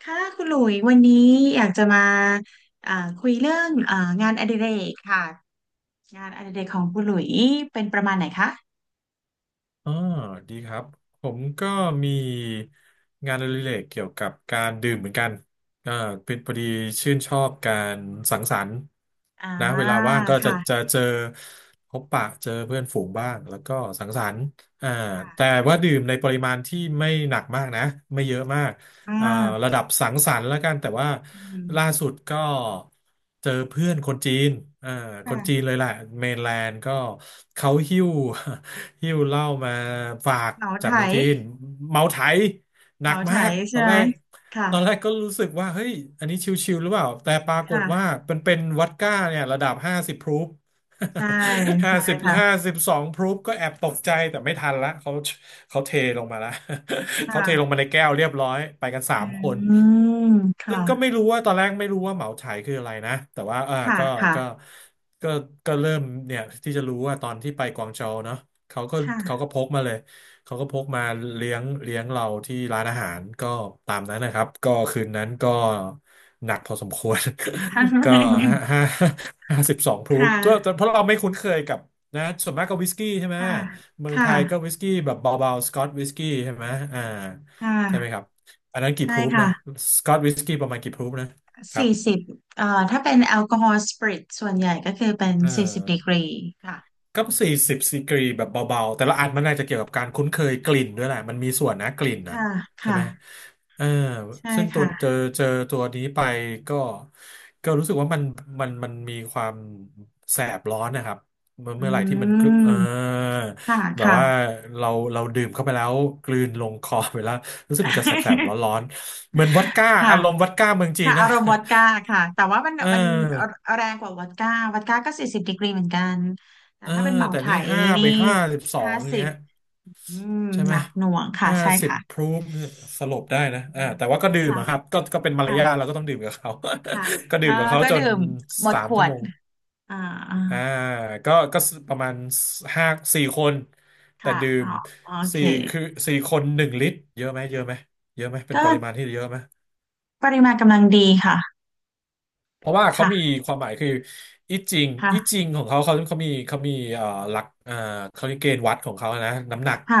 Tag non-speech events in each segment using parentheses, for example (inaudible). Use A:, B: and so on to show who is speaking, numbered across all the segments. A: ค่ะคุณหลุยวันนี้อยากจะมาอ่าคุยเรื่องงานอดิเรกค่ะงานอดิเรกของคุณหลุยเป็นประมาณไหนคะ
B: อ๋อดีครับผมก็มีงานอดิเรกเกี่ยวกับการดื่มเหมือนกันอ่าเป็นพอดีชื่นชอบการสังสรรค์
A: อ่า
B: นะเวลาว่างก็จะ
A: ค่ะ
B: จะเจอพบปะเจอเพื่อนฝูงบ้างแล้วก็สังสรรค์อ่าแต่
A: ค่ะ
B: ว่าดื่มในปริมาณที่ไม่หนักมากนะไม่เยอะมาก
A: อ่
B: อ่าระ
A: า
B: ดับสังสรรค์แล้วกันแต่ว่า
A: อืม
B: ล่าสุดก็เจอเพื่อนคนจีนอ่าคนจีน
A: ค่ะ
B: เลยแหละเมนแลนด์ก็เขาหิ้วเหล้ามาฝาก
A: เหมา
B: จา
A: ไถ
B: กเมืองจีนเมาไถห
A: เห
B: นั
A: มา
B: ก
A: ไถ
B: มากต
A: ใช่
B: อน
A: ไห
B: แร
A: ม
B: ก
A: ค่ะ
B: ตอนแรกก็รู้สึกว่าเฮ้ยอันนี้ชิวๆหรือเปล่าแต่ปรากฏว่า
A: ค่ะ
B: มันเป็นวอดก้าเนี่ยระดับห้าสิบพรูฟ
A: ใช่
B: (laughs) ห้า
A: ใช่
B: สิบห้า
A: ค่ะ
B: สิบสองพรูฟก็แอบตกใจแต่ไม่ทันละเขาเขาเทลงมาละ (laughs) เขาเทลง
A: ค่ะ
B: มาในแก้วเรียบร้อยไปกันสา
A: อื
B: มคน
A: ม
B: ซึ่
A: ค่ะ
B: งก็ไม่รู้ว่าตอนแรกไม่รู้ว่าเหมาไฉคืออะไรนะแต่ว่า
A: ค่ะค่ะ
B: ก็ก็ก็เริ่มเนี่ยที่จะรู้ว่าตอนที่ไปกวางโจวเนาะ เขาก็เขา
A: ค่ะ
B: ก็พกมาเลยเขาก็พกมาเลี้ยงเราที่ร้านอาหารก็ตามนั้นนะครับก็คืนนั้นก็หนักพอสมควร
A: (laughs)
B: (laughs) ก็ห้าห้าห้าสิบสองพ
A: ค
B: รูฟก็
A: ่ะ
B: เพราะเราไม่คุ้นเคยกับนะส่วนมากก็วิสกี้ใช่ไหม
A: ค่ะ
B: เมื
A: ค
B: องไทยก็
A: ่ะ
B: วิสกี้แบบเบาๆสกอตวิสกี้ใช่ไหมอ่า
A: ค่
B: ใช่ไหมครั
A: ะ
B: บอันนั้นกี่
A: ใช่
B: พรูฟ
A: ค่ะ
B: นะสกอตวิสกี้ประมาณกี่พรูฟนะครับ
A: สี่สิบถ้าเป็นแอลกอฮอล์สปริตส่วนใหญ่ก็คือเป็น
B: เอ
A: สี่สิบดีกรี
B: อ
A: ค่ะ
B: ก็40 ดีกรีแบบเบาๆแต่ละอันมันน่าจะเกี่ยวกับการคุ้นเคยกลิ่นด้วยแหละมันมีส่วนนะกลิ่นนะ
A: ค่ะ
B: ใช่
A: ค่ะ
B: ไหมเออ
A: ใช่
B: ซึ่งตัวเจอ
A: ค่ะ
B: เจอตัวนี้ไปก็ก็รู้สึกว่ามันมันมีความแสบร้อนนะครับเมื่อ
A: อื
B: เมื่อไหร่ที่มันกลื
A: ม
B: เออ
A: ค่ะ
B: แบบ
A: ค่ะ
B: ว่าเราเราดื่มเข้าไปแล้วกลืนลงคอไปแล้วรู้สึกมันจะแสบๆ
A: (laughs)
B: ร้อนๆเหมือนวอดก้า
A: ค่ะ
B: อารมณ์วอดก้าเมืองจี
A: ค่ะ
B: น
A: อา
B: นะ
A: รมณ์วอดก้าค่ะ แต่ว่ามัน
B: เ
A: มัน
B: ออ
A: แรงกว่าวอดก้า วอดก้าก็สี่สิบดีกรีเหมือนกัน แต่
B: เออ
A: ถ้าเป็นเหมา
B: แต่
A: ไถ
B: นี่
A: นี่
B: ห้าสิบสอ
A: ห้า
B: ง
A: สิบ
B: เงี้ย
A: อืม
B: ใช่
A: ห
B: ไหม
A: นักหน่วงค่ะ
B: ห้า
A: ใช่
B: สิบ
A: ค่ะ
B: พรูฟเนี่ยสลบได้นะ
A: อืม
B: แต่ว่าก็ดื่ม
A: ค่ะ
B: อะครับก็เป็นมารยาทเรา
A: ค่ะ
B: ก็ต้องดื่มกับเขา
A: ค่ะ
B: (laughs) ก็
A: เอ
B: ดื่
A: อ
B: มกับเขา
A: ก็
B: จ
A: ดื่
B: น
A: มหมด
B: สา
A: ข
B: ม
A: ว
B: ชั่ว
A: ด
B: โมง
A: อ่าอ่า
B: อ่าก็ก็ประมาณห้าสี่คนแต่
A: ค่ะ
B: ดื่
A: อ๋อ
B: ม
A: โอเค
B: สี่คือ4 คน 1 ลิตรเยอะไหมเยอะไหมเยอะไหมเป็
A: ก็
B: นปริมาณที่เยอะไหม
A: ปริมาณกำลังดีค่ะ
B: เพราะว่าเขามี
A: ค่ะ
B: ความหมายคืออีจิงอี
A: ค่ะ
B: จิงของเขาเขามีหลักเขาเรียกเกณฑ์วัดของเขานะน้ำหนัก
A: ค่ะ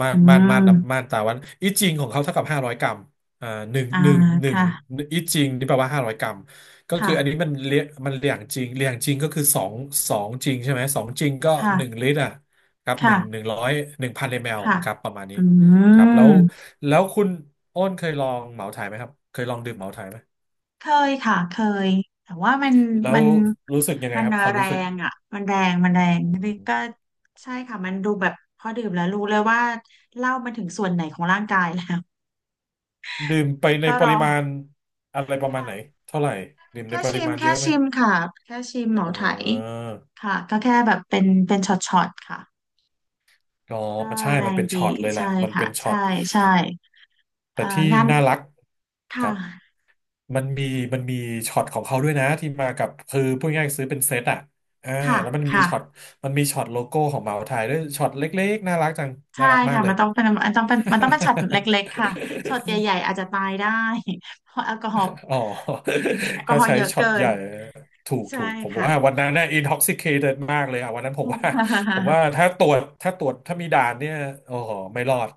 B: ม่าน
A: อื
B: ม่าน
A: ม
B: ม่านน้ำม่านตาวัดอีจิงของเขาเท่ากับห้าร้อยกรัมอ่าหนึ่ง
A: อ่า
B: หนึ่งหนึ่ง
A: ค่ะ
B: อีจิงนี่แปลว่าห้าร้อยกรัมก็คื
A: ค่ะ
B: ออันนี้มันเรียงมันเรียงจริงเรียงจริงก็คือสองจริงใช่ไหมสองจริงก็หนึ่ง
A: ค่ะ
B: ลิตรอ่ะครับ
A: ค่ะ
B: 1,000 มล
A: ค่ะ
B: ครับประมาณนี้
A: อื
B: ครับ
A: ม
B: แล้วคุณอ้นเคยลองเหมาถ่ายไหมครับเคยลองดื่มเหมาถ่ายไหม
A: เคยค่ะเคยแต่ว่ามัน
B: แล้
A: มั
B: ว
A: น
B: รู้สึกยังไง
A: มัน
B: ครับความ
A: แร
B: รู้สึก
A: งอ่ะมันแรงมันแร
B: อื
A: งนี่ก็
B: ม
A: ใช่ค่ะมันดูแบบพอดื่มแล้วรู้เลยว่าเหล้ามันถึงส่วนไหนของร่างกายแล้ว
B: ดื่มไป
A: มัน
B: ใน
A: ก็
B: ปริ
A: ร้อน
B: มาณอะไรประมาณไหน
A: ค่ะ
B: เท่าไหร่ดื่มใน
A: แค่
B: ป
A: ชิ
B: ริ
A: ม
B: มาณเย
A: แค่
B: อะไหม
A: ชิมค่ะ แค่ชิมเหมา
B: อ่
A: ไถ
B: า
A: ค่ะ ก็แค่แบบเป็นเป็นช็อตๆค่ะ
B: ก็
A: ก็
B: มันใช่
A: แร
B: มัน
A: ง
B: เป็น
A: ดี
B: ช็อตเลยแหละ
A: ใช่
B: มัน
A: ค่ะ
B: เป็นช็อ
A: ใช่
B: ต
A: ใช่
B: แต่
A: เอ่อ
B: ที่
A: งาน
B: น่ารักค
A: ค่
B: รับ
A: ะ
B: มันมีช็อตของเขาด้วยนะที่มากับคือพูดง่ายๆซื้อเป็นเซตอ่ะอ่า
A: ค่ะ
B: แล้วมันมี
A: ค่ะ
B: ช็อตมันมีช็อตโลโก้ของเหมาไทยด้วยช็อตเล็กๆน่ารักจัง
A: ใช่
B: น่ารักมาก
A: ค่ะ
B: เล
A: มั
B: ย
A: นต้องเป็นมันต้องเป็นมันต้องเป็นช็อตเล็กๆค่ะช็อตใหญ่ๆอาจจะตายได้เพราะแอลกอฮอล์
B: อ๋อ
A: แอล
B: (laughs)
A: กอ
B: ถ้า
A: ฮอล์
B: ใช้
A: เยอะ
B: ช็อต
A: เกิ
B: ให
A: น
B: ญ่ถูก
A: ใช่
B: ถูกผม
A: ค่ะ
B: ว่าวันนั้นเนี่ย intoxicated มากเลยอ่ะวันนั้นผมว่า (laughs) ผม
A: (laughs)
B: ว่าถ้าตรวจถ้าตรวจถ้ามีด่านเนี่ยโอ้โหไม่รอด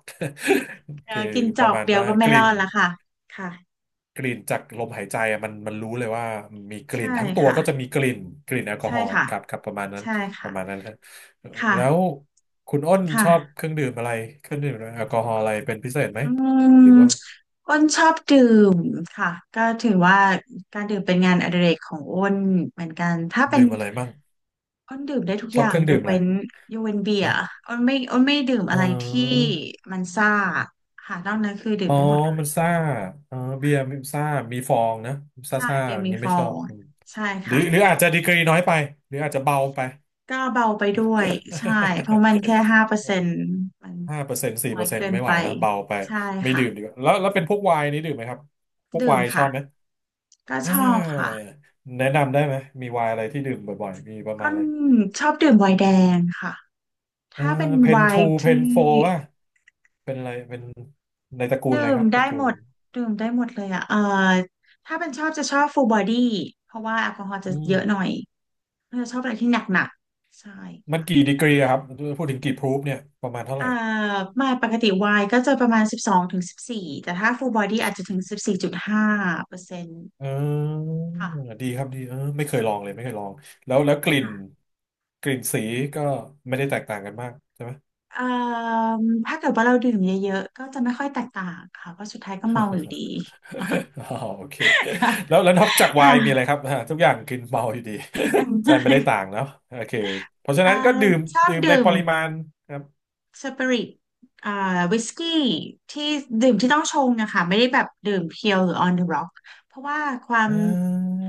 A: เอ
B: (laughs) คือ
A: อกินจ
B: ป
A: อ
B: ระ
A: ก
B: มาณ
A: เดียว
B: ว่า
A: ก็
B: ก
A: ไม่ร
B: ลิ่
A: อ
B: น
A: ดละค่ะค่ะ
B: กลิ่นจากลมหายใจอะมันรู้เลยว่ามีก
A: ใช่
B: ลิ่นทั้งตัว
A: ค่ะ
B: ก็จะมีกลิ่นกลิ่นแอลกอ
A: ใช่
B: ฮอล์
A: ค่ะ
B: ครับประมาณนั้น
A: ใช่ค่ะ
B: ฮะแล้ว
A: ค่ะ
B: คุณอ้นชอบ
A: ค่ะ
B: เครื่องดื่มอะไรเครื่องดื่มแอลกอฮอล์อะไรเป็นพิเศษไหม
A: อื
B: หรือว่า
A: มอ้นชอบดื่มค่ะก็ถือว่าการดื่มเป็นงานอดิเรกของอ้นเหมือนกันถ้าเป็น
B: ดื่มอะไรมั่ง
A: อ้นดื่มได้ทุก
B: ช
A: อ
B: อบ
A: ย่า
B: เค
A: ง
B: รื่อง
A: ย
B: ดื่
A: ก
B: มอะไร
A: เว้นยกเว้นเบีย
B: ฮะ
A: ร์อ้นไม่ดื่มอะ
B: อ๋อ
A: ไรที่มันซ่าค่ะนอกนั้นคือดื่
B: อ๋
A: ม
B: อ
A: ได้หมดเลย
B: มันซ่าเอ๋อเบียร์มันซ่ามีฟองนะซ่า
A: ใช่
B: ซ่า
A: เบีย
B: อ
A: ร์
B: ย่าง
A: มี
B: นี้
A: ฟ
B: ไม่
A: อ
B: ชอบ
A: ง
B: อืม
A: ใช่
B: หรือ
A: ค่ะ
B: หรืออาจจะดีกรีน้อยไปหรืออาจจะเบาไป
A: ก็เบาไปด้วยใช่เพราะมันแค่ห้าเปอร์เซ็นต์มัน
B: (laughs) 5%สี่
A: น้อ
B: เปอ
A: ย
B: ร์เซ็น
A: เกิ
B: ต์
A: น
B: ไม่ไห
A: ไป
B: วนะเบาไป
A: ใช่
B: ไม่
A: ค่ะ
B: ดื่มดีกว่าแล้วเป็นพวกไวน์นี้ดื่มไหมครับพวก
A: ดื่
B: ไว
A: ม
B: น์ชอ
A: ค่ะ
B: บไหม
A: ก็
B: อ่
A: ชอบค่ะ
B: าแนะนำได้ไหม มีไวน์อะไรที่ดื่มบ่อยๆมีประ
A: อ้
B: มาณอะ
A: น
B: ไร
A: ชอบดื่มไวน์แดงค่ะ
B: เออ
A: ถ้าเป็น
B: เพ
A: ไว
B: นทู
A: น์
B: เพ
A: ที่
B: นโฟป่ะเป็นอะไรเป็นในตระกูล
A: ดื่
B: อะไรค
A: ม
B: รับต
A: ได้
B: ระกู
A: หม
B: ล
A: ดดื่มได้หมดเลยอ่ะถ้าเป็นชอบจะชอบฟูลบอดี้เพราะว่าแอลกอฮอล์จะ
B: อื
A: เย
B: ม
A: อะหน่อยจะชอบอะไรที่หนักๆใช่
B: มัน
A: ค่ะ
B: กี่ดีกรีอะครับพูดถึงกี่พรูฟเนี่ยประมาณเท่าไห
A: อ่า
B: ร่
A: ไมาปกติไวน์ก็จะประมาณสิบสองถึงสิบสี่แต่ถ้าฟูลบอดี้อาจจะถึงสิบสี่จุดห้าเปอร์เซ็นต์
B: เออ
A: ค่ะ
B: ดีครับดีไม่เคยลองเลยไม่เคยลองแล้วกลิ่น
A: ค่ะ
B: กลิ่นสีก็ไม่ได้แตกต่างกันมากใช่ไหม
A: เอ่มถ้าเกิดว่าเราดื่มเยอะๆก็จะไม่ค่อยแตกต่างค่ะเพราะสุดท้ายก็เมาอยู่ดี (laughs) ค่
B: (laughs) อ๋อโอเค
A: ะ
B: แล้วนอกจากไว
A: ค่ะ
B: น์มีอะไรครับอ่าทุกอย่างกินเมาอยู่ดี
A: (laughs)
B: (laughs) ใช่ไม่ได้ต่างเนาะโอเคเพราะฉะ
A: เอ่อ
B: นั้นก็ดื่ม
A: ชอบ
B: ดื่ม
A: ดื่
B: ในป
A: ม
B: ริมาณครับ
A: สปิริตอ่าวิสกี้ที่ดื่มที่ต้องชงอะค่ะไม่ได้แบบดื่มเพียวหรือ on the rock เพราะว่าความ
B: อ่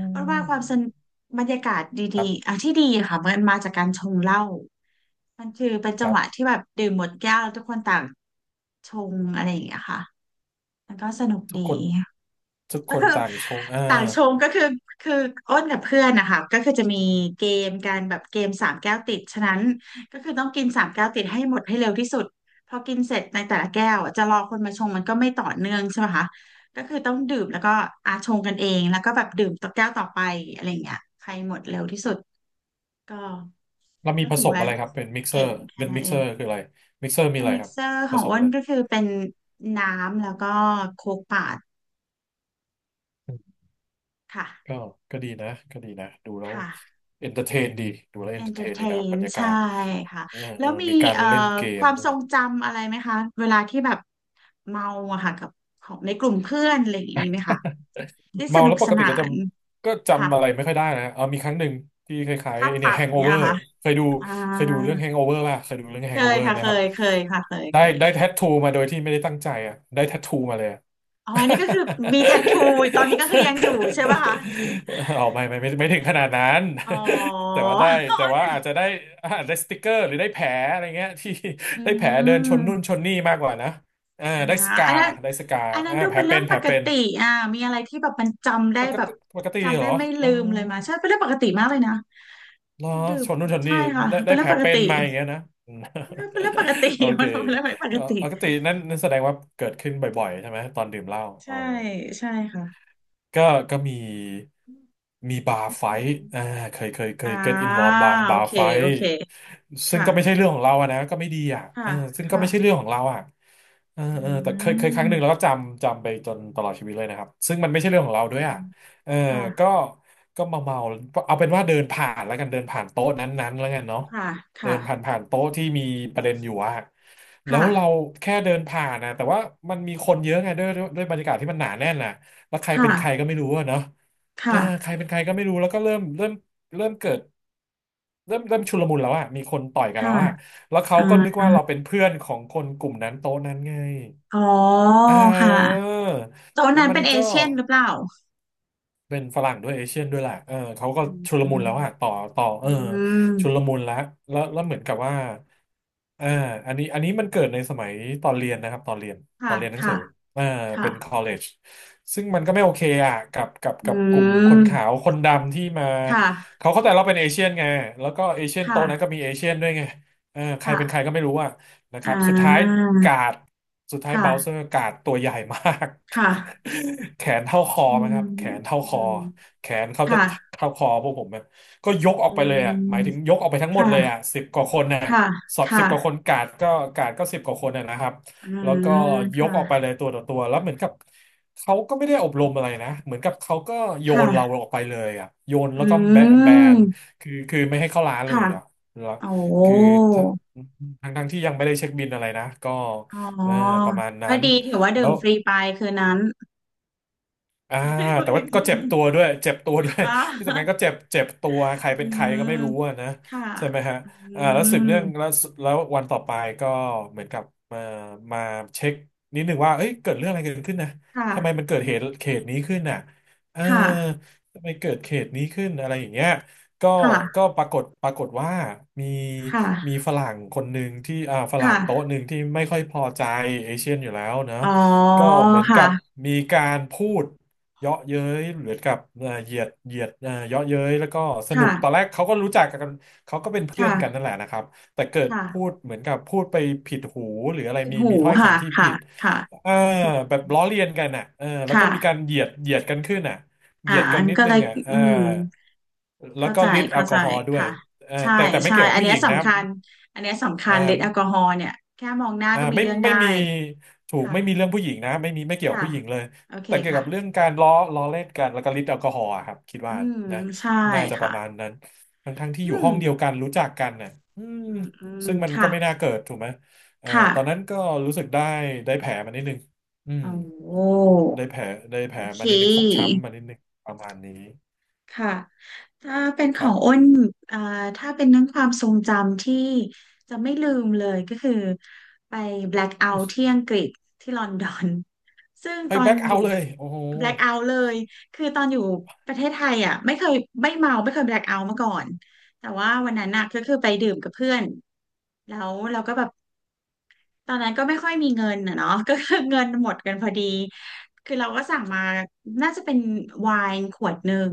B: า
A: เพราะว่าความสนบรรยากาศด
B: ครั
A: ีๆ
B: บ
A: อ่ะที่ดีอะค่ะมันมาจากการชงเหล้ามันคือเป็น
B: ค
A: จัง
B: รั
A: ห
B: บ
A: วะที่แบบดื่มหมดแก้วลทุกคนต่างชงอะไรอย่างเงี้ยค่ะมันก็สนุก
B: ทุก
A: ดี
B: คนทุก
A: (laughs)
B: ค
A: ก็
B: น
A: คือ
B: ต่างชงอ่า
A: ต่างชงก็คือคืออ้นกับเพื่อนนะคะก็คือจะมีเกมการแบบเกมสามแก้วติดฉะนั้นก็คือต้องกินสามแก้วติดให้หมดให้เร็วที่สุดพอกินเสร็จในแต่ละแก้วจะรอคนมาชงมันก็ไม่ต่อเนื่องใช่ไหมคะก็คือต้องดื่มแล้วก็อาชงกันเองแล้วก็แบบดื่มต่อแก้วต่อไปอะไรอย่างเงี้ยใครหมดเร็วที่สุดก็
B: แล้วมี
A: ก็
B: ผ
A: ถื
B: ส
A: อ
B: ม
A: ว่า
B: อะไรครับเป็นมิกเซอ
A: เก่
B: ร์
A: งแค่
B: เป็น
A: นั้
B: มิ
A: น
B: ก
A: เอ
B: เซอ
A: ง
B: ร์คืออะไรมิกเซอร์มี
A: เป็น
B: อะไร
A: มิ
B: ค
A: ก
B: รับ
A: เซอร์ข
B: ผ
A: อง
B: สม
A: อ้
B: อะ
A: น
B: ไร
A: ก็คือเป็นน้ำแล้วก็โคกป่าด
B: ก็
A: ค่ะ
B: ก็ดีนะก็ดีนะ ดูแล้ว
A: ค่ะ
B: เอนเตอร์เทนดีดูแล้วเอนเตอร์เทนดีนะครับ
A: entertain
B: บรรยากา
A: ใช่
B: ศ
A: ค่ะ
B: เออ
A: แล้
B: เอ
A: ว
B: อ
A: มี
B: มีการ
A: เอ่อ
B: เล่นเก
A: ค
B: ม
A: วาม
B: ด้
A: ท
B: ว
A: ร
B: ย
A: งจำอะไรไหมคะเวลาที่แบบเมาอะค่ะกับของในกลุ่มเพื่อนอะไรอย่างนี้มีไหมคะที่ส
B: เมา
A: นุ
B: แล้
A: ก
B: วป
A: ส
B: กติ
A: นา
B: ก็จ
A: น
B: ำก็
A: ค่ะ
B: จำอะไรไม่ค่อยได้นะเออมีครั้งหนึ่งที่คล้าย
A: ภา
B: ๆ
A: พ
B: ไอ้เนี่ย
A: ตัด
B: แฮงโอ
A: เนี้ย
B: เว
A: เห
B: อ
A: รอ
B: ร์
A: ค่ะ
B: เคยดู
A: อ่
B: เคยดูเรื่
A: า
B: องแฮงโอเวอร์ป่ะเคยดูเรื่องแฮ
A: เค
B: งโอ
A: ย
B: เวอร์
A: ค่ะ
B: ไหม
A: เค
B: ครับ
A: ยเคยค่ะเคย
B: ได้
A: เคย
B: ได้แทททูมาโดยที่ไม่ได้ตั้งใจอ่ะได้แทททูมาเลย (laughs)
A: อ๋ออันนี่ก็คือมีแทททูตอนนี้ก็คือยังอยู่ใช่ป่ะคะ
B: ออกไม่ถึงขนาดนั้น
A: อ๋
B: (laughs) แต่
A: อ
B: ว่าได้แต่ว่าอาจจะได้อาจได้สติกเกอร์หรือได้แผลอะไรเงี้ย (laughs) ที่
A: อื
B: ได้แผลเดินชนนู่น
A: ม
B: ชนนี่มากกว่านะอ่า
A: อ่า
B: ได้สกา
A: อันนั้น
B: ได้สกา
A: อันนั้น
B: อ่า
A: ดู
B: แผล
A: เป็นเรื่
B: เป็
A: อง
B: นแผ
A: ป
B: ล
A: ก
B: เป็น
A: ติอ่ามีอะไรที่แบบมันจำได้
B: ปก
A: แบบ
B: ติปกติ
A: จำ
B: เหร
A: ได้
B: อ
A: ไม่
B: อ๋
A: ลื
B: อ
A: มเลยมาใช่เป็นเรื่องปกติมากเลยนะ
B: เหรอ
A: ดื่
B: ช
A: ม
B: นนู่นชน
A: ใช่
B: นี่
A: ค่ะ
B: ได้
A: เป็
B: ได้
A: นเรื่
B: แผ
A: อง
B: ล
A: ปก
B: เป็
A: ติ
B: นมาอย่างเงี้ยนะ (laughs) อืม
A: เป็นเรื่องปกติ
B: (laughs) โอ
A: (laughs)
B: เค
A: มันเป็นเรื่องไม่ปกติ
B: ปกตินั่นนั่นแสดงว่าเกิดขึ้นบ่อยๆใช่ไหมตอนดื่มเหล้าอ๋
A: ใช่
B: อ
A: ใช่ค่ะ
B: ก็ก็มีมีบาร์ไฟ
A: อื
B: ท์อ่า
A: ม
B: เคยเคยเค
A: อ่า
B: ย get involved บาร์
A: โอ
B: บาร์
A: เค
B: ไฟ
A: โอ
B: ท์
A: เค
B: ซึ่ง
A: ค่ะ
B: ก็ไม่ใช่เรื่องของเราอะนะก็ไม่ดีอ่ะ
A: ค่ะ
B: เออซึ่งก็ไม่ใช่เรื่
A: ค่ะ
B: องของเราอ่ะเออ
A: อื
B: เออแต่เคยเคยครั้งหนึ่งแล้วก็
A: ม
B: จำจำไปจนตลอดชีวิตเลยนะครับซึ่งมันไม่ใช่เรื่องของเราด้
A: อื
B: วยอ่ะ
A: ม
B: เออ
A: ค่ะ
B: ก็ก็มาเมาเอาเป็นว่าเดินผ่านแล้วกัน เดินผ่านโต๊ะนั้นๆแล้วกันเนาะ
A: ค่ะค
B: เดินผ่าน
A: ่ะ
B: ผ่านโต๊ะที่มีประเด็นอยู่อ่ะแล้ว
A: ค่ะ
B: เราแค่เดินผ่านนะแต่ว่ามันมีคนเยอะไงด้วยบรรยากาศที่มันหนาแน่นน่ะ แล้วใครเป็นใคร
A: ค่ะ
B: ก็ไม่รู้อะเนาะเออ
A: ค่ะ
B: ใครเป็นใครก็ไม่รู้แล้วก็เริ่มเริ่มเกิดเริ่มชุลมุนแล้วอะมีคนต่อยกัน
A: ค่ะ
B: แล้วอะแล้วเขาก็นึก
A: อ่า
B: ว่าเราเป็นเพื่อนของคนกลุ่มนั้นโต๊ะนั้นไง
A: อ๋อ
B: เ
A: ค่ะ
B: ออ
A: โซน
B: แล้ว
A: นั้น
B: มั
A: เป็
B: น
A: นเอ
B: ก็
A: เชียนหรือเปล่า
B: เป็นฝรั่งด้วยเอเชียนด้วยแหละเออเขาก็
A: อืม
B: ชุลมุนแล้วอะต่อต่อเอ
A: อื
B: อ
A: ม
B: ชุลมุนแล้วเหมือนกับว่าอ่าอันนี้มันเกิดในสมัยตอนเรียนนะครับตอนเรียนตอ
A: ค่ะ
B: นเรียนหนังสื
A: ค่ะ
B: ออ่าเป็น
A: ค่ะ
B: college ซึ่งมันก็ไม่โอเคอะกับกับ
A: อื
B: กับกลุ่มคนขา
A: ม
B: วคนดำที่มา
A: ค่ะ
B: เขาเข้าใจเราเป็นเอเชียนไงแล้วก็เอเชียนโต๊ะนั้นก็
A: ค่ะ
B: มีเอเชียนด้วยไงเออใครเป็นใคร
A: ค่ะ
B: ก็ไม่รู้อะนะค
A: อ่
B: รับสุดท้าย
A: า
B: กาดสุดท้ายเบ
A: ค่ะ
B: ลเซอร์กาดตัวใหญ่มาก
A: ค่ะ
B: (laughs) แขนเท่าคอ
A: อื
B: มั้งครั
A: ม
B: บแขนเท่า
A: อื
B: คอ
A: ม
B: แขนเขาจะ
A: ค่ะ
B: เท่าคอพวกผมอะก็ยกออก
A: อื
B: ไปเลยอ่ะหมายถึง
A: ม
B: ยกออกไปทั้งหมดเลยอ่ะ
A: ค่ะ
B: สิบกว่าคนน่ะ
A: ค่ะ
B: สอบสิบกว่าค
A: ค่ะ
B: นกาดก็กาดก็สิบกว่าคนน่ะนะครับ
A: อ่า
B: แล้วก็
A: ค
B: ยกออกไปเล
A: ่ะ
B: ยตัวต่อตัวแล้วเหมือนกับเขาก็ไม่ได้อบรมอะไรนะเหมือนกับเขาก็โยนเรา
A: ค่ะ
B: ออกไปเลยอ่ะโยน
A: อื
B: แล้วก็แบแบ
A: ม
B: นคือคือไม่ให้เข้าร้านเล
A: ค่ะ
B: ยอ่ะแล้ว
A: โอ้
B: คือทั้งที่ยังไม่ได้เช็คบินอะไรนะก็
A: อ๋อ
B: เออประมาณนั้
A: ก็
B: น
A: ดีถือว่า
B: แล้
A: ดื่ม
B: ว
A: ฟรีไปคืนนั้น
B: อ่าแต่ว่าก็เจ็บตัวด้วยเจ็บตัวด้วย
A: (laughs) อ
B: (laughs) ที่สำคัญก็
A: อ
B: เจ็บเจ็บตัวใคร
A: อื
B: เป็นใคร
A: ม
B: ก็ไม่รู้อะนะ
A: ค่ะ
B: ใช่ไหมฮะ
A: อื
B: อ่าแล้วสืบเนื่องแล้ว
A: ม
B: แล้ววันต่อไปก็เหมือนกับมามาเช็คนิดหนึ่งว่าเอ้ยเกิดเรื่องอะไรเกิดขึ้นนะ
A: ค
B: ทำไมมัน
A: ่ะ
B: เกิดเหตุเขตนี้ขึ้นน่ะเออ
A: ค่ะ
B: ทำไมเกิดเขตนี้ขึ้นอะไรอย่างเงี้ยก็
A: ค่ะ
B: ก็ปรากฏว่ามีมี
A: ค่ะ
B: ฝรั่งคนหนึ่งที่อ่าฝรั่งโต๊ะ
A: ค่ะ
B: หนึ่งที่ไม่ค่อยพอใจเอเชียนอยู่แล้วเนอะ
A: อ๋อ
B: ก็เหมือนกับ
A: ค่ะ
B: มีการพูด เยาะเย้ยเหมือนกับเหยียดเยาะเย้ยแล้วก็สนุกตอนแร
A: ค่ะ
B: กเขาก็รู้จักกันเขาก็เป็นเพื่อ
A: ค่ะ
B: นกันนั่นแหละนะครับแต่เกิดพู
A: ค่ะ
B: ดเหมือนกับพูดไปผิดหูหรืออะไร
A: ปิด
B: มี
A: หู
B: มีถ้อย
A: ค่ะ
B: คำที่
A: ค่ะ
B: ผิด
A: ค่ะ
B: เออแบบล้อเลียนกันอ่ะเออแล้วก็
A: ค่ะ
B: มีการเหยียดกันขึ้นอ่ะเหยียดกั
A: อั
B: น
A: น
B: นิด
A: ก็
B: นึ
A: เลย
B: งอ่ะเอ
A: อื
B: อ
A: ม
B: แล้ว
A: เข้า
B: ก็
A: ใจ
B: ฤทธิ์แอ
A: เข้า
B: ลก
A: ใจ
B: อฮอล์ด้วย
A: ค่ะ
B: เออ
A: ใช่
B: แต่แต่ไม่
A: ใช่
B: เกี่ยวกับ
A: อัน
B: ผู้
A: เนี้
B: ห
A: ย
B: ญิงนะค
A: สำ
B: รับ
A: คัญอันเนี้ยสำคั
B: เอ่
A: ญฤท
B: อ
A: ธิ์แอลกอฮอล์เนี่ยแค่มองหน้าก็มี
B: ไม่
A: เรื่อง
B: ไม่
A: ได้
B: มีถูก
A: ค่ะ
B: ไม่มีเรื่องผู้หญิงนะไม่มีไม่เกี่ยวกับ
A: ค่ะ
B: ผู้หญิงเลย
A: โอเค
B: แต่เกี่ยว
A: ค่ะ
B: กับเรื่องการล้อเล่นกันแล้วก็ฤทธิ์แอลกอฮอล์อะครับคิด
A: อื
B: ว่า
A: ม
B: นะ
A: ใช่
B: น่าจะป
A: ค่ะ
B: ระมาณนั้นทั้งที่อ
A: อื
B: ยู่ห้
A: ม
B: องเดียวกันรู้จักกันน่ะอืม
A: อืมอื
B: ซึ่
A: ม
B: งมันก็
A: ค่ะ
B: ไม่น่าเกิดถูกไหมเอ่อ
A: ค่ะ
B: ตอนนั้นก็รู้สึกได้แผลมานิดนึงอืม
A: โอ้
B: ได้แผลได้แผ
A: โอ
B: ล
A: เค
B: มานิดนึงฟกช้ำมานิดนึงประมาณนี้
A: ค่ะ ถ้าเป็นข
B: ค
A: อ
B: รั
A: งอ้
B: บ
A: นอ่าถ้าเป็นเรื่องความทรงจำที่จะไม่ลืมเลยก็คือไป black out ที่อังกฤษที่ลอนดอน (laughs) ซึ่ง
B: ไป
A: ตอน
B: แบ็ก
A: อ
B: เอา
A: ยู่
B: เลยโอ้โห
A: black out เลย คือตอนอยู่ประเทศไทยอ่ะไม่เคยไม่เมาไม่เคย black out มาก่อน แต่ว่าวันนั้นน่ะก็คือไปดื่มกับเพื่อนแล้วเราก็แบบ ตอนนั้นก็ไม่ค่อยมีเงินนะเนาะ (laughs) ก็คือเงินหมดกันพอดีคือเราก็สั่งมาน่าจะเป็นไวน์ขวดหนึ่ง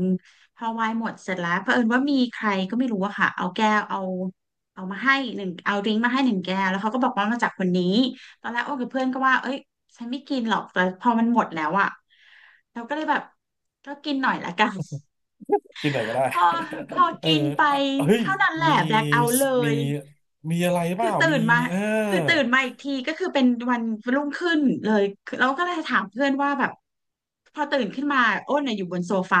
A: พอไวน์หมดเสร็จแล้วเผอิญว่ามีใครก็ไม่รู้อะค่ะเอาแก้วเอาเอามาให้หนึ่งเอาดริงก์มาให้หนึ่งแก้วแล้วเขาก็บอกว่ามาจากคนนี้ตอนแรกโอ้กับเพื่อนก็ว่าเอ้ยฉันไม่กินหรอกแต่พอมันหมดแล้วอะเราก็เลยแบบก็กินหน่อยละกัน
B: กินหน่อยก็ได้
A: (laughs) พอพอ
B: (laughs) เออ
A: กินไป
B: อ่ะเฮ้ย
A: เท่านั้นแหละ
B: มี
A: แบล็คเอาท์เล
B: มี
A: ย
B: มีอะไรเป
A: คือ
B: ล่า
A: ตื่
B: มี
A: นมา
B: เออ
A: คือตื่นมาอีกทีก็คือเป็นวันรุ่งขึ้นเลยคือเราก็เลยถามเพื่อนว่าแบบพอตื่นขึ้นมาอ้นน่ะอยู่บนโซฟา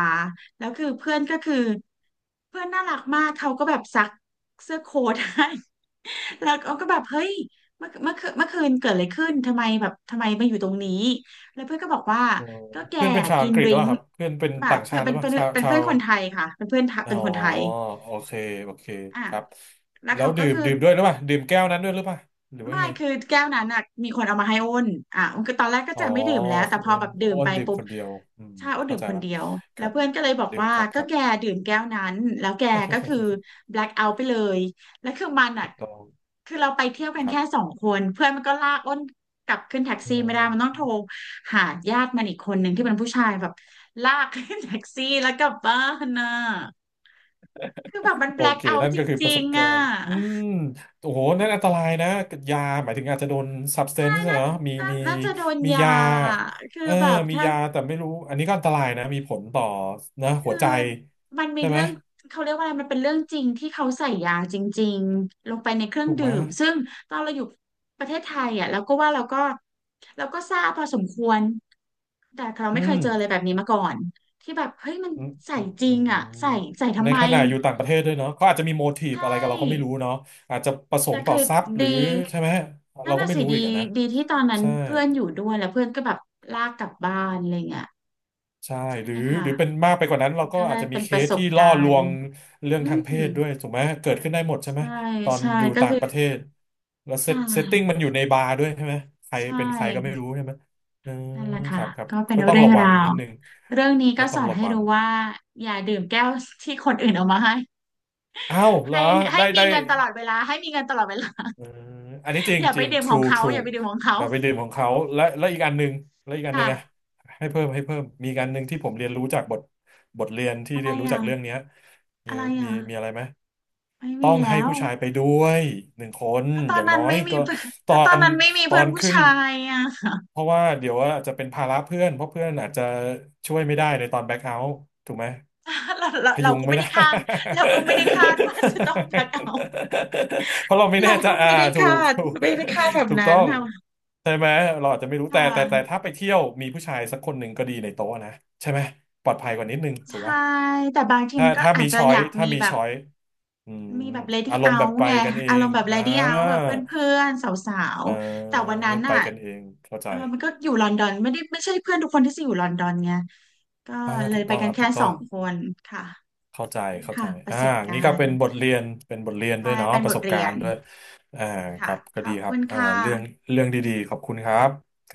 A: แล้วคือเพื่อนก็คือเพื่อนน่ารักมากเขาก็แบบซักเสื้อโค้ทให้ (laughs) แล้วเขาก็แบบเฮ้ยเมื่อคืนเกิดอะไรขึ้นทำไมแบบทำไมมาอยู่ตรงนี้แล้วเพื่อนก็บอกว่า
B: เออ
A: ก็แก
B: เพื่อนเป็นชาว
A: กิ
B: อั
A: น
B: งกฤ
A: ด
B: ษห
A: ริ
B: รือเป
A: ง
B: ล่า
A: ก์
B: ครับเพื่อนเป็น
A: แบบ
B: ต่าง
A: เพื่
B: ชา
A: อน
B: ติห
A: เป็
B: รื
A: น
B: อเปล่า
A: เป็น
B: ชาว
A: เป็น
B: ชา
A: เพื่อ
B: ว
A: นคนไทยค่ะเป็นเพื่อน
B: อ๋
A: เป็
B: อ
A: นคนไทย
B: โอเคโอเค
A: อ่ะ
B: ครับ
A: แล้ว
B: แล้
A: เขา
B: ว
A: ก็
B: ดื่ม
A: คือ
B: ดื่มด้วยหรือเปล่าดื่มแก้วนั้นด้วยหรือเปล่าหรือว่า
A: ไม่
B: ยังไง
A: คือแก้วนั้นน่ะมีคนเอามาให้อ้นอ่ะอ้นก็ตอนแรกก็
B: อ๋อ
A: จะไม่ดื่มแล้วแต่พอ
B: อ้น
A: แบบดื่ม
B: อ้น
A: ไป
B: ดื่ม
A: ปุ๊บ
B: คนเดียวอืม
A: ใช่อ้นดื่
B: เข้า
A: ม
B: ใจ
A: คน
B: ละ
A: เดียว
B: ค
A: แล้
B: รั
A: ว
B: บ
A: เพื่อนก็เลยบอก
B: ดื่ม
A: ว่า
B: ครับค
A: ก็
B: รับ
A: แกดื่มแก้วนั้นแล้วแกก็คือ
B: (laughs)
A: black out ไปเลยแล้วคือมันอ่ะ
B: ถูกต้อง
A: คือเราไปเที่ยวกัน
B: ครั
A: แค่สองคนเพื่อนมันก็ลากอ้นกลับขึ้นแท็กซี่ไม่ได้มันต้อง
B: บ
A: โทรหาญาติมันอีกคนหนึ่งที่เป็นผู้ชายแบบลากขึ้นแท็กซี่แล้วกลับบ้านน่ะคือแบบมันแบ
B: โอ
A: ล็ค
B: เค
A: เอา
B: นั่น
A: จ
B: ก็คือป
A: ริ
B: ระส
A: ง
B: บ
A: ๆ
B: กา
A: อ่ะ
B: รณ์อืมโอ้โหนั่นอันตรายนะยา หมายถึงอาจจะโดน
A: น่า
B: substance อะเนอะมีมี
A: น่าจะโดน
B: มี
A: ยา
B: ยา
A: คือ
B: เออ
A: แบบ
B: มี
A: ถ้า
B: ยา แต่ไม่รู้ อันนี้ก็อันตรายนะ มีผลต่อนะ
A: คือ
B: หัวใจ
A: มันมี
B: ใช่ไหม
A: เรื่องเขาเรียกว่าอะไรมันเป็นเรื่องจริงที่เขาใส่ยาจริงๆลงไปในเครื่อง
B: ถูกไห
A: ดื่
B: ม
A: มซึ่งตอนเราอยู่ประเทศไทยอ่ะเราก็ทราบพอสมควรแต่เรา
B: อื
A: ไม่เค
B: ม
A: ยเจออะไรแบบนี้มาก่อนที่แบบเฮ้ยมัน
B: อืม
A: ใส่
B: อืม
A: จริ
B: อื
A: ง
B: ม
A: อ่ะใส่ใส่
B: ใน
A: ทำไม
B: ขณะอยู่ต่างประเทศด้วยเนาะเขาอาจจะมีโมที
A: ใช
B: ฟอะไรกับเราก็ไม่
A: ่
B: รู้เนาะอาจจะประส
A: แต่
B: งค์ต่อ
A: คือ
B: ทรัพย์หรื
A: ดี
B: อใช่ไหม
A: นั่
B: เรา
A: น
B: ก็
A: น่ะ
B: ไม่
A: สิ
B: รู้
A: ดี
B: อีกอะนะ
A: ดีที่ตอนนั้น
B: ใช่
A: เพื่อนอยู่ด้วยแล้วเพื่อนก็แบบลากกลับบ้านอะไรเงี้ย
B: ใช่
A: ใช่
B: หรือ
A: ค่ะ
B: หรือเป็นมากไปกว่านั้นเราก็
A: ก็ไล
B: อาจ
A: ย
B: จะมี
A: เป็น
B: เค
A: ประ
B: ส
A: สบ
B: ที่ล่
A: กา
B: อล
A: ร
B: ว
A: ณ์
B: งเรื่อง
A: อื
B: ทางเพ
A: ม
B: ศด้วยถูกไหมเกิดขึ้นได้หมดใช่ไหม
A: ใช่
B: ตอน
A: ใช่
B: อยู่
A: ก็
B: ต่าง
A: คือ
B: ประเทศแล้วเซ
A: ใช่
B: ตเซตติ้งมันอยู่ในบาร์ด้วยใช่ไหมใคร
A: ใช
B: เป็นใครก็ไม่
A: ่
B: รู้ใช่ไหมอืม
A: นั่นแหละ
B: ค
A: ค่ะ
B: รับครับ
A: ก็เป็น
B: ก็ต้อง
A: เรื่อง
B: ระวั
A: รา
B: ง
A: ว
B: นิดนึง
A: เรื่องนี้
B: ก็
A: ก็
B: ต้
A: ส
B: อง
A: อน
B: ระ
A: ให้
B: วัง
A: รู้ว่าอย่าดื่มแก้วที่คนอื่นเอามาให้
B: อ้าวเหร
A: ให้
B: อ
A: ให้
B: ได้
A: มี
B: ได้
A: เงินตลอดเวลาให้มีเงินตลอดเวลา
B: เอออันนี้จริ
A: (laughs) อ
B: ง
A: ย่า
B: จ
A: ไป
B: ริง
A: ดื่มของ
B: true
A: เขาอ
B: true
A: ย่าไปดื่มของเขา
B: อย่าไปดื่มของเขาและอีกอันหนึ่งและอีกอันหนึ่งอะ
A: ค่ะ
B: ให้เพิ่มมีอีกอันหนึ่งที่ผมเรียนรู้จากบทเรียนที่
A: อะไร
B: เรียนรู้จา
A: อ่ะ
B: กเรื่องเนี้ยมี
A: อะไร
B: มี
A: อ่ะ
B: มีอะไรไหม
A: ไม่
B: ต้อ
A: มี
B: งให้
A: แล้ว
B: ผู้ชายไปด้วยหนึ่งคน
A: ก็ต
B: อ
A: อน
B: ย่าง
A: นั้
B: น้
A: น
B: อย
A: ไม่มี
B: ก็
A: เพื่อน
B: ตอ
A: ก็ตอน
B: น
A: นั้นไม่มี
B: ตอ
A: เพื่อน
B: น
A: ผู้
B: ขึ้น
A: ชายอ่ะ
B: เพราะว่าเดี๋ยวว่าจะเป็นภาระเพื่อนเพราะเพื่อนอาจจะช่วยไม่ได้ในตอนแบ็คเอาท์ถูกไหม
A: (laughs) เราเรา
B: พ
A: เรา
B: ยุง
A: ก็
B: ไม่
A: ไม่
B: ได้
A: ได้คาดเราก็ไม่ได้คาดว่าจะต้องแบกเอา
B: (laughs) เพราะเราไม่แน่
A: เรา
B: ใจ
A: ก็
B: อ่า
A: ไม่ได้
B: ถูก
A: คาด
B: ถูก
A: ไม่ได้คาดแบบ
B: ถูก
A: นั้
B: ต้
A: น
B: อง
A: ค่ะ
B: ใช่ไหมเราอาจจะไม่รู้
A: ค่
B: แต่แต่
A: ะ
B: ถ้าไปเที่ยวมีผู้ชายสักคนหนึ่งก็ดีในโต๊ะนะใช่ไหมปลอดภัยกว่านิดนึงถูก
A: ใช่
B: ปะ
A: แต่บางที
B: ถ้า
A: มันก็
B: ถ้า
A: อา
B: มี
A: จจะ
B: ช้อ
A: อ
B: ย
A: ยาก
B: ถ้า
A: มี
B: มี
A: แบบ
B: ช้อย อืม
A: มีแบบ lady
B: อารมณ์แบบ
A: out
B: ไป
A: ไง
B: กันเอ
A: อาร
B: ง
A: มณ์แบบ
B: อ่า
A: lady out แบบเพื่อนๆสาว
B: เออ
A: ๆแต่วันนั้น
B: ไป
A: อ่ะ
B: กันเอง เข้าใจ
A: เออมันก็อยู่ลอนดอนไม่ได้ไม่ใช่เพื่อนทุกคนที่จะอยู่ลอนดอนไงก็
B: อ่า
A: เล
B: ถู
A: ย
B: ก
A: ไป
B: ต้อง
A: กั
B: ค
A: น
B: รับ
A: แค่
B: ถูก
A: ส
B: ต้อ
A: อ
B: ง
A: งคนค่ะ
B: เข้าใจ
A: นี่
B: เข้าใจ
A: ค่ะประ
B: อ่า
A: สบกา
B: งี้ก็
A: ร
B: เป็น
A: ณ์
B: บทเรียน เป็นบทเรียนด้ว
A: ใช่
B: ยเนาะ
A: เป็น
B: ป
A: บ
B: ระส
A: ท
B: บ
A: เรี
B: กา
A: ย
B: ร
A: น
B: ณ์ด้วยอ่าค
A: ค่ะ
B: รับก็
A: ข
B: ดี
A: อบ
B: ครั
A: คุ
B: บ
A: ณ
B: อ่า
A: ค่
B: เรื่อง
A: ะ
B: เรื่องดีๆ ขอบคุณครับ